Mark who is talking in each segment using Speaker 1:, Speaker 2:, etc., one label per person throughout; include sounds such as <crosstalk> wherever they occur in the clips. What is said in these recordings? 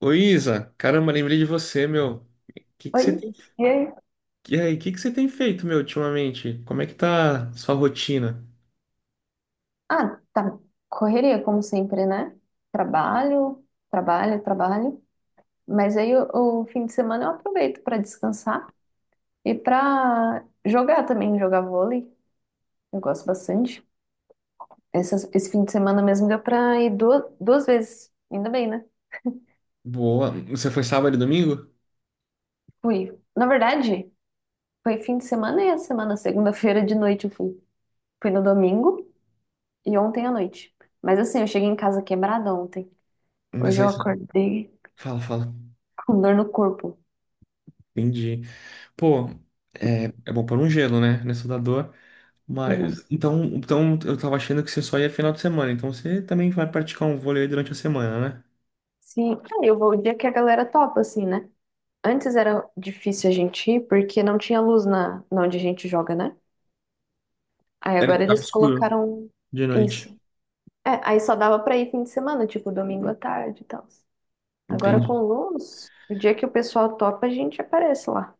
Speaker 1: Ô Isa, caramba, lembrei de você, meu. Que
Speaker 2: Oi.
Speaker 1: você tem...
Speaker 2: E aí?
Speaker 1: E aí, o que que você tem feito, meu, ultimamente? Como é que tá sua rotina?
Speaker 2: Tá. Correria, como sempre, né? Trabalho, trabalho, trabalho. Mas o fim de semana eu aproveito para descansar e para jogar também, jogar vôlei. Eu gosto bastante. Esse fim de semana mesmo deu para ir duas vezes. Ainda bem, né?
Speaker 1: Boa. Você foi sábado e domingo?
Speaker 2: Fui. Na verdade, foi fim de semana e a semana, segunda-feira de noite eu fui. Fui no domingo e ontem à noite. Mas assim, eu cheguei em casa quebrada ontem.
Speaker 1: Mas
Speaker 2: Hoje
Speaker 1: aí,
Speaker 2: eu acordei
Speaker 1: fala, fala.
Speaker 2: com dor no corpo.
Speaker 1: Entendi. Pô, é bom pôr um gelo, né, nessa da dor. Mas, então, eu tava achando que você só ia final de semana. Então, você também vai praticar um vôlei durante a semana, né?
Speaker 2: Sim, eu vou o dia que a galera topa, assim, né? Antes era difícil a gente ir porque não tinha luz na onde a gente joga, né? Aí
Speaker 1: Era
Speaker 2: agora
Speaker 1: de
Speaker 2: eles
Speaker 1: escuro,
Speaker 2: colocaram
Speaker 1: de noite.
Speaker 2: isso. É, aí só dava pra ir fim de semana, tipo domingo à tarde e tal. Agora
Speaker 1: Entendi.
Speaker 2: com luz, o dia que o pessoal topa, a gente aparece lá.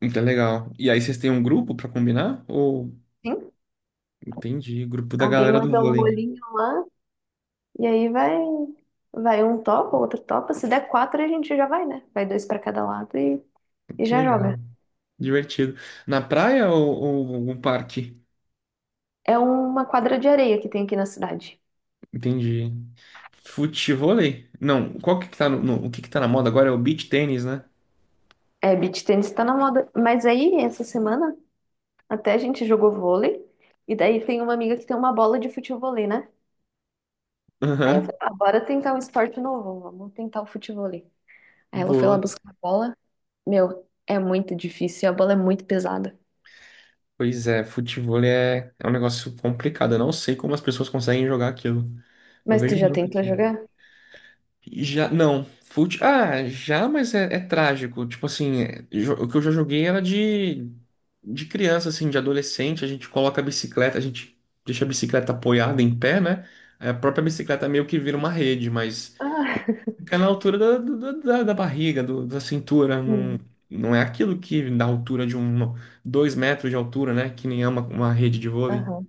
Speaker 1: Então, é legal. E aí, vocês têm um grupo pra combinar? Ou...
Speaker 2: Sim?
Speaker 1: Entendi, grupo da
Speaker 2: Alguém
Speaker 1: galera do
Speaker 2: manda um
Speaker 1: vôlei.
Speaker 2: olhinho lá e vai um topa, outro topa. Se der quatro, a gente já vai, né? Vai dois pra cada lado e
Speaker 1: Que
Speaker 2: já
Speaker 1: legal,
Speaker 2: joga.
Speaker 1: divertido. Na praia ou algum parque?
Speaker 2: É uma quadra de areia que tem aqui na cidade.
Speaker 1: Entendi. Futevôlei? Não, qual que tá o que que tá na moda agora é o beach tênis, né?
Speaker 2: É, beach tennis tá na moda. Mas aí, essa semana, até a gente jogou vôlei. E daí tem uma amiga que tem uma bola de futevôlei, né? Aí eu
Speaker 1: Aham,
Speaker 2: falei, ah, bora tentar um esporte novo, vamos tentar o futevôlei. Aí ela foi lá
Speaker 1: boa.
Speaker 2: buscar a bola. Meu, é muito difícil, a bola é muito pesada.
Speaker 1: Pois é, futevôlei é um negócio complicado. Eu não sei como as pessoas conseguem jogar aquilo. Eu
Speaker 2: Mas tu
Speaker 1: vejo
Speaker 2: já
Speaker 1: muito
Speaker 2: tentou
Speaker 1: aqui.
Speaker 2: jogar?
Speaker 1: E Já, não. Fute... Ah, já, é trágico. Tipo assim, é, o que eu já joguei era de criança, assim, de adolescente. A gente coloca a bicicleta, a gente deixa a bicicleta apoiada em pé, né? Aí A própria bicicleta meio que vira uma rede, mas
Speaker 2: Ah, <laughs>
Speaker 1: fica na altura da barriga, da cintura. Não,
Speaker 2: sim.
Speaker 1: não é aquilo que dá altura de um, dois metros de altura, né? Que nem é uma rede de vôlei.
Speaker 2: Aham.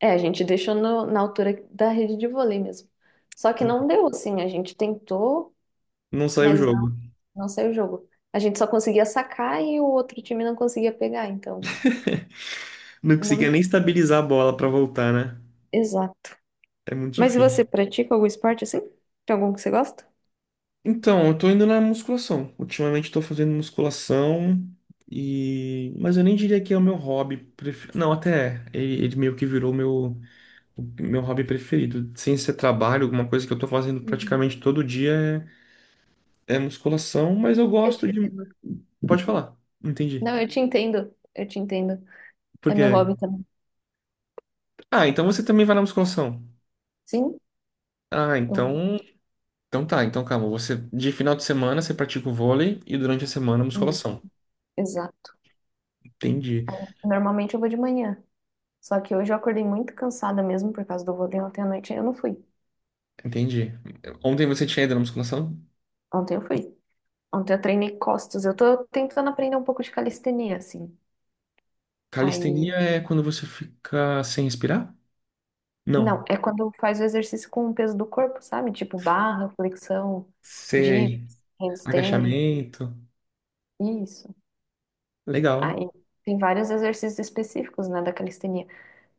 Speaker 2: É, a gente deixou na altura da rede de vôlei mesmo. Só que não deu, assim, a gente tentou,
Speaker 1: Não saiu o
Speaker 2: mas
Speaker 1: jogo.
Speaker 2: não saiu o jogo. A gente só conseguia sacar e o outro time não conseguia pegar, então.
Speaker 1: Não conseguia
Speaker 2: Não,
Speaker 1: nem estabilizar a bola pra voltar, né?
Speaker 2: exato.
Speaker 1: É muito
Speaker 2: Mas e você
Speaker 1: difícil.
Speaker 2: pratica algum esporte assim? Tem algum que você gosta?
Speaker 1: Então, eu tô indo na musculação. Ultimamente tô fazendo musculação e... Mas eu nem diria que é o meu hobby preferido. Não, até é. Ele meio que virou o meu hobby preferido. Sem ser trabalho, alguma coisa que eu tô fazendo
Speaker 2: Uhum.
Speaker 1: praticamente todo dia é, é musculação, mas eu
Speaker 2: Eu te
Speaker 1: gosto de...
Speaker 2: entendo.
Speaker 1: Pode falar. Entendi.
Speaker 2: Não, eu te entendo. Eu te entendo.
Speaker 1: Por
Speaker 2: É
Speaker 1: quê?
Speaker 2: meu hobby também.
Speaker 1: Ah, então você também vai na musculação.
Speaker 2: Sim?
Speaker 1: Ah,
Speaker 2: Eu-
Speaker 1: então... Então tá, então calma. Você, de final de semana, você pratica o vôlei e durante a semana,
Speaker 2: hum,
Speaker 1: musculação.
Speaker 2: Exato.
Speaker 1: Entendi.
Speaker 2: Normalmente eu vou de manhã. Só que hoje eu acordei muito cansada mesmo por causa do vôlei. Ontem à noite eu não fui.
Speaker 1: Entendi. Ontem você tinha ido na musculação?
Speaker 2: Ontem eu fui. Ontem eu treinei costas. Eu tô tentando aprender um pouco de calistenia, assim.
Speaker 1: Calistenia
Speaker 2: Aí
Speaker 1: é quando você fica sem respirar?
Speaker 2: não,
Speaker 1: Não.
Speaker 2: é quando faz o exercício com o peso do corpo, sabe? Tipo barra, flexão, dips,
Speaker 1: Sei.
Speaker 2: handstand,
Speaker 1: Agachamento.
Speaker 2: isso.
Speaker 1: Legal.
Speaker 2: Aí tem vários exercícios específicos, né, da calistenia.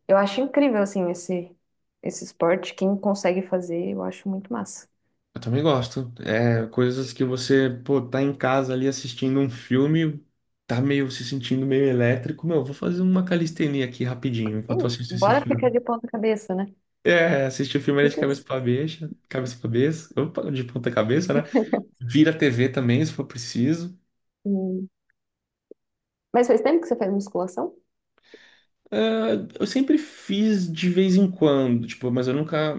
Speaker 2: Eu acho incrível, assim, esse esporte. Quem consegue fazer, eu acho muito massa.
Speaker 1: Eu também gosto. É, coisas que você, pô, tá em casa ali assistindo um filme, tá meio se sentindo meio elétrico. Meu, vou fazer uma calistenia aqui rapidinho
Speaker 2: É
Speaker 1: enquanto eu
Speaker 2: isso,
Speaker 1: assisto esse
Speaker 2: bora ficar
Speaker 1: filme.
Speaker 2: de ponta cabeça, né?
Speaker 1: É, assistir o filme ali de
Speaker 2: Tipo isso.
Speaker 1: cabeça pra cabeça, opa, de ponta cabeça, né? Vira a TV também, se for preciso.
Speaker 2: Hum. Mas faz tempo que você faz musculação?
Speaker 1: É, eu sempre fiz de vez em quando, tipo, mas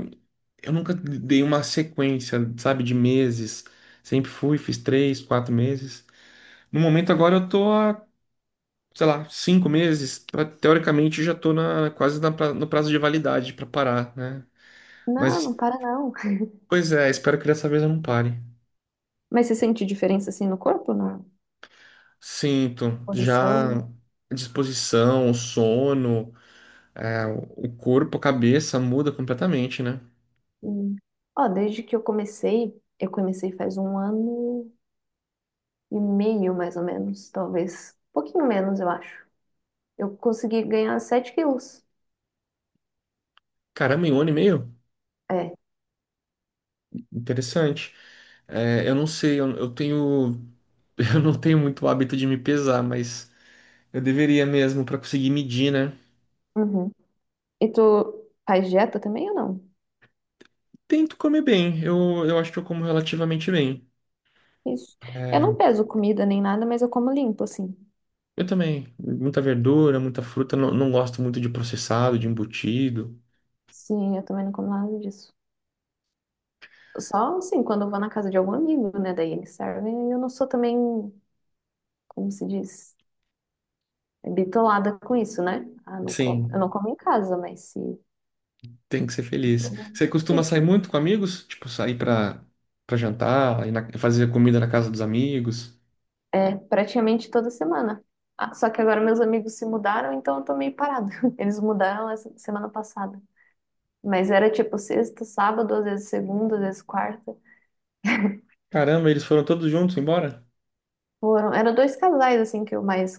Speaker 1: eu nunca dei uma sequência, sabe, de meses. Sempre fui, fiz três, quatro meses. No momento agora eu tô há, sei lá, cinco meses. Teoricamente já tô na, quase na no prazo de validade pra parar, né?
Speaker 2: Não,
Speaker 1: Mas,
Speaker 2: não para não. <laughs>
Speaker 1: pois é, espero que dessa vez eu não pare.
Speaker 2: Mas você sente diferença, assim, no corpo, na
Speaker 1: Sinto já
Speaker 2: posição?
Speaker 1: a disposição, o sono, é, o corpo, a cabeça muda completamente, né?
Speaker 2: Hum. Ó, desde que eu comecei faz um ano e meio, mais ou menos, talvez. Um pouquinho menos, eu acho. Eu consegui ganhar 7 quilos.
Speaker 1: Caramba, em um ano e meio?
Speaker 2: É.
Speaker 1: Interessante. É, eu não sei, eu tenho, <laughs> eu não tenho muito hábito de me pesar, mas eu deveria mesmo pra conseguir medir, né?
Speaker 2: Uhum. E tu faz dieta também ou não?
Speaker 1: Tento comer bem, eu acho que eu como relativamente bem.
Speaker 2: Isso. Eu não peso comida nem nada, mas eu como limpo, assim.
Speaker 1: Eu também, muita verdura, muita fruta, não gosto muito de processado, de embutido.
Speaker 2: Sim, eu também não como nada disso. Só, assim, quando eu vou na casa de algum amigo, né? Daí eles servem. E eu não sou também, como se diz, bitolada com isso, né? Ah, não como. Eu
Speaker 1: Sim,
Speaker 2: não como em casa, mas se...
Speaker 1: tem que ser feliz. Você costuma sair
Speaker 2: Isso.
Speaker 1: muito com amigos? Tipo, sair pra jantar, fazer comida na casa dos amigos?
Speaker 2: É, praticamente toda semana. Ah, só que agora meus amigos se mudaram, então eu tô meio parada. <laughs> Eles mudaram essa semana passada. Mas era tipo sexta, sábado, às vezes segunda, às vezes quarta.
Speaker 1: Caramba, eles foram todos juntos embora?
Speaker 2: Foram, eram dois casais, assim, que eu mais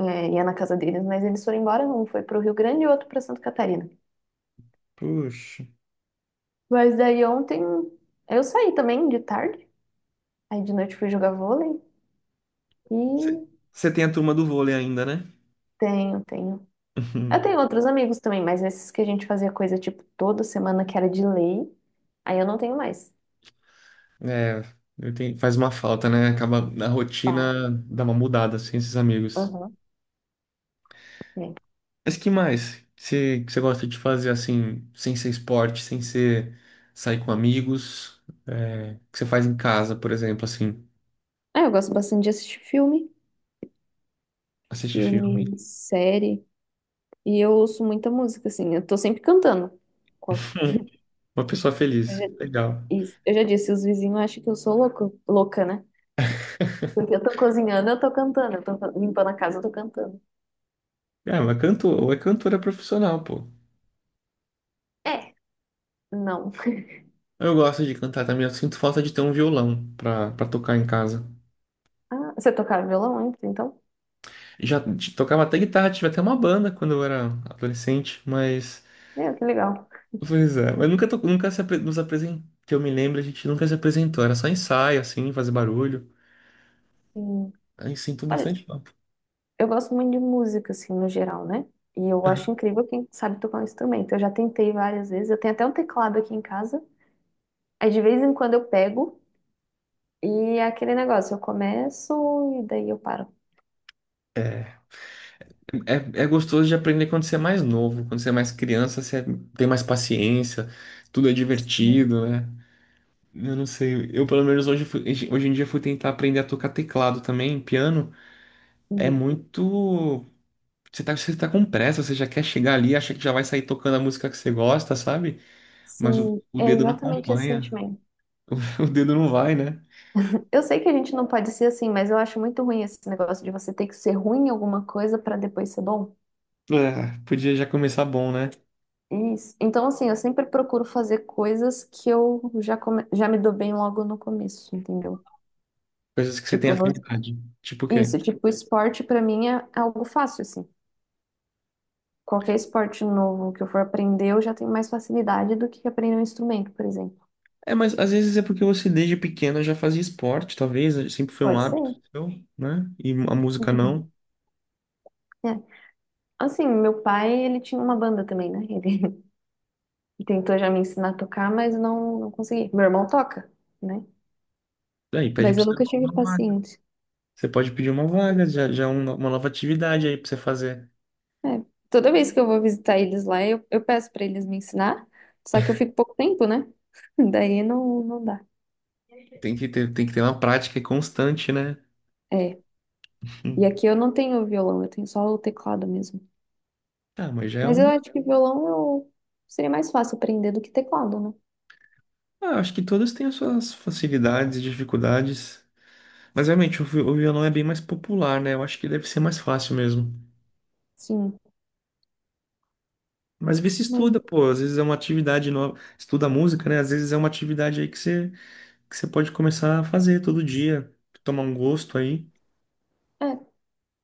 Speaker 2: é, ia na casa deles, mas eles foram embora. Um foi pro Rio Grande e o outro pra Santa Catarina.
Speaker 1: Puxa.
Speaker 2: Mas daí ontem eu saí também de tarde. Aí de noite fui jogar vôlei. E
Speaker 1: Você Você tem a turma do vôlei ainda, né?
Speaker 2: tenho, tenho. Eu tenho
Speaker 1: <laughs>
Speaker 2: outros amigos também, mas esses que a gente fazia coisa tipo toda semana que era de lei, aí eu não tenho mais.
Speaker 1: É, faz uma falta, né? Acaba a
Speaker 2: Vai.
Speaker 1: rotina dá uma mudada assim, esses amigos.
Speaker 2: Aham. É.
Speaker 1: Mas que mais que você gosta de fazer assim, sem ser esporte, sem ser sair com amigos, é, que você faz em casa, por exemplo, assim,
Speaker 2: Ah, eu gosto bastante de assistir filme,
Speaker 1: assistir filme.
Speaker 2: filme, série. E eu ouço muita música, assim. Eu tô sempre cantando. Co-
Speaker 1: <laughs> Uma pessoa
Speaker 2: Eu já,
Speaker 1: feliz, legal.
Speaker 2: isso. Eu já disse, os vizinhos acham que eu sou louco, louca, né? Porque eu tô cozinhando, eu tô cantando. Eu tô limpando a casa, eu tô cantando.
Speaker 1: É, mas cantor, é cantora profissional, pô.
Speaker 2: É, não. <laughs>
Speaker 1: Eu gosto de cantar também, eu sinto falta de ter um violão pra tocar em casa.
Speaker 2: Ah, você tocava violão antes, então?
Speaker 1: Tocava até guitarra, tive até uma banda quando eu era adolescente, mas
Speaker 2: É, que legal.
Speaker 1: pois é, mas nunca se apre- nos apresentou, que eu me lembro, a gente nunca se apresentou, era só ensaio, assim, fazer barulho.
Speaker 2: Sim.
Speaker 1: Aí sinto
Speaker 2: Olha,
Speaker 1: bastante falta.
Speaker 2: eu gosto muito de música, assim, no geral, né? E eu acho incrível quem sabe tocar um instrumento. Eu já tentei várias vezes. Eu tenho até um teclado aqui em casa. Aí de vez em quando eu pego e é aquele negócio, eu começo e daí eu paro.
Speaker 1: É, é gostoso de aprender quando você é mais novo, quando você é mais criança, você tem mais paciência, tudo é
Speaker 2: Hum,
Speaker 1: divertido, né? Eu não sei, eu pelo menos hoje em dia fui tentar aprender a tocar teclado também, piano, é
Speaker 2: uhum.
Speaker 1: muito... você tá com pressa, você já quer chegar ali, acha que já vai sair tocando a música que você gosta, sabe? Mas
Speaker 2: Sim,
Speaker 1: o
Speaker 2: é
Speaker 1: dedo não
Speaker 2: exatamente esse
Speaker 1: acompanha,
Speaker 2: sentimento.
Speaker 1: <laughs> o dedo não vai, né?
Speaker 2: Eu sei que a gente não pode ser assim, mas eu acho muito ruim esse negócio de você ter que ser ruim em alguma coisa para depois ser bom.
Speaker 1: É, podia já começar bom, né?
Speaker 2: Isso. Então, assim, eu sempre procuro fazer coisas que já me dou bem logo no começo, entendeu?
Speaker 1: Coisas que você tem
Speaker 2: Tipo, no-
Speaker 1: afinidade. Tipo o quê?
Speaker 2: isso, tipo, esporte pra mim é algo fácil, assim. Qualquer esporte novo que eu for aprender, eu já tenho mais facilidade do que aprender um instrumento, por exemplo.
Speaker 1: É, mas às vezes é porque você desde pequeno já fazia esporte, talvez, sempre foi um
Speaker 2: Pode
Speaker 1: hábito
Speaker 2: ser.
Speaker 1: seu, né? E a música
Speaker 2: Uhum.
Speaker 1: não.
Speaker 2: É. Assim, meu pai, ele tinha uma banda também, né? Ele <laughs> tentou já me ensinar a tocar, mas não consegui. Meu irmão toca, né?
Speaker 1: Aí pede
Speaker 2: Mas
Speaker 1: pra
Speaker 2: eu
Speaker 1: você
Speaker 2: nunca
Speaker 1: uma
Speaker 2: tive
Speaker 1: vaga.
Speaker 2: paciência.
Speaker 1: Você pode pedir uma vaga, já, já é uma nova atividade aí pra você fazer.
Speaker 2: É. Toda vez que eu vou visitar eles lá, eu peço pra eles me ensinar, só que eu fico pouco tempo, né? <laughs> Daí não dá.
Speaker 1: Tem que ter uma prática constante, né? <laughs>
Speaker 2: É. E
Speaker 1: Hum.
Speaker 2: aqui eu não tenho violão, eu tenho só o teclado mesmo.
Speaker 1: Tá, mas já é
Speaker 2: Mas eu
Speaker 1: um.
Speaker 2: acho que violão eu seria mais fácil aprender do que teclado, né?
Speaker 1: Ah, acho que todas têm as suas facilidades e dificuldades. Mas realmente, o violão é bem mais popular, né? Eu acho que deve ser mais fácil mesmo.
Speaker 2: Sim.
Speaker 1: Mas vê se
Speaker 2: Mas
Speaker 1: estuda, pô. Às vezes é uma atividade nova. Estuda música, né? Às vezes é uma atividade aí que que você pode começar a fazer todo dia. Tomar um gosto aí.
Speaker 2: é.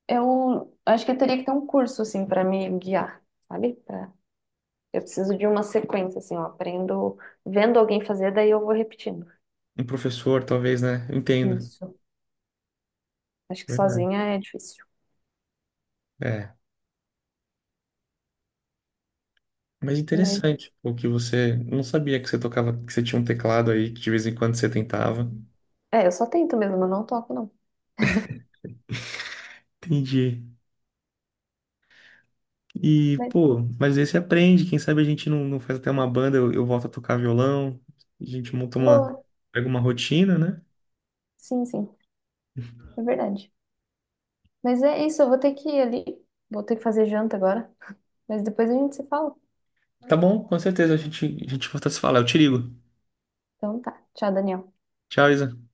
Speaker 2: Eu acho que eu teria que ter um curso, assim, para me guiar, sabe? Pra... Eu preciso de uma sequência, assim, eu aprendo vendo alguém fazer, daí eu vou repetindo.
Speaker 1: Um professor, talvez, né? Eu entendo.
Speaker 2: Isso. Acho que
Speaker 1: Verdade.
Speaker 2: sozinha é difícil.
Speaker 1: É. Mas
Speaker 2: Mas,
Speaker 1: interessante, pô, que você não sabia que você tocava, que você tinha um teclado aí, que de vez em quando você tentava.
Speaker 2: é, eu só tento mesmo, eu não toco, não.
Speaker 1: Entendi. E,
Speaker 2: Mas,
Speaker 1: pô, mas aí você aprende. Quem sabe a gente não faz até uma banda, eu volto a tocar violão. A gente monta uma,
Speaker 2: boa.
Speaker 1: pega uma rotina, né?
Speaker 2: Sim, sim, é verdade. Mas é isso, eu vou ter que ir ali, vou ter que fazer janta agora. Mas depois a gente se fala.
Speaker 1: Tá bom, com certeza a gente volta a se falar. Eu te ligo.
Speaker 2: Então tá, tchau, Daniel.
Speaker 1: Tchau, Isa.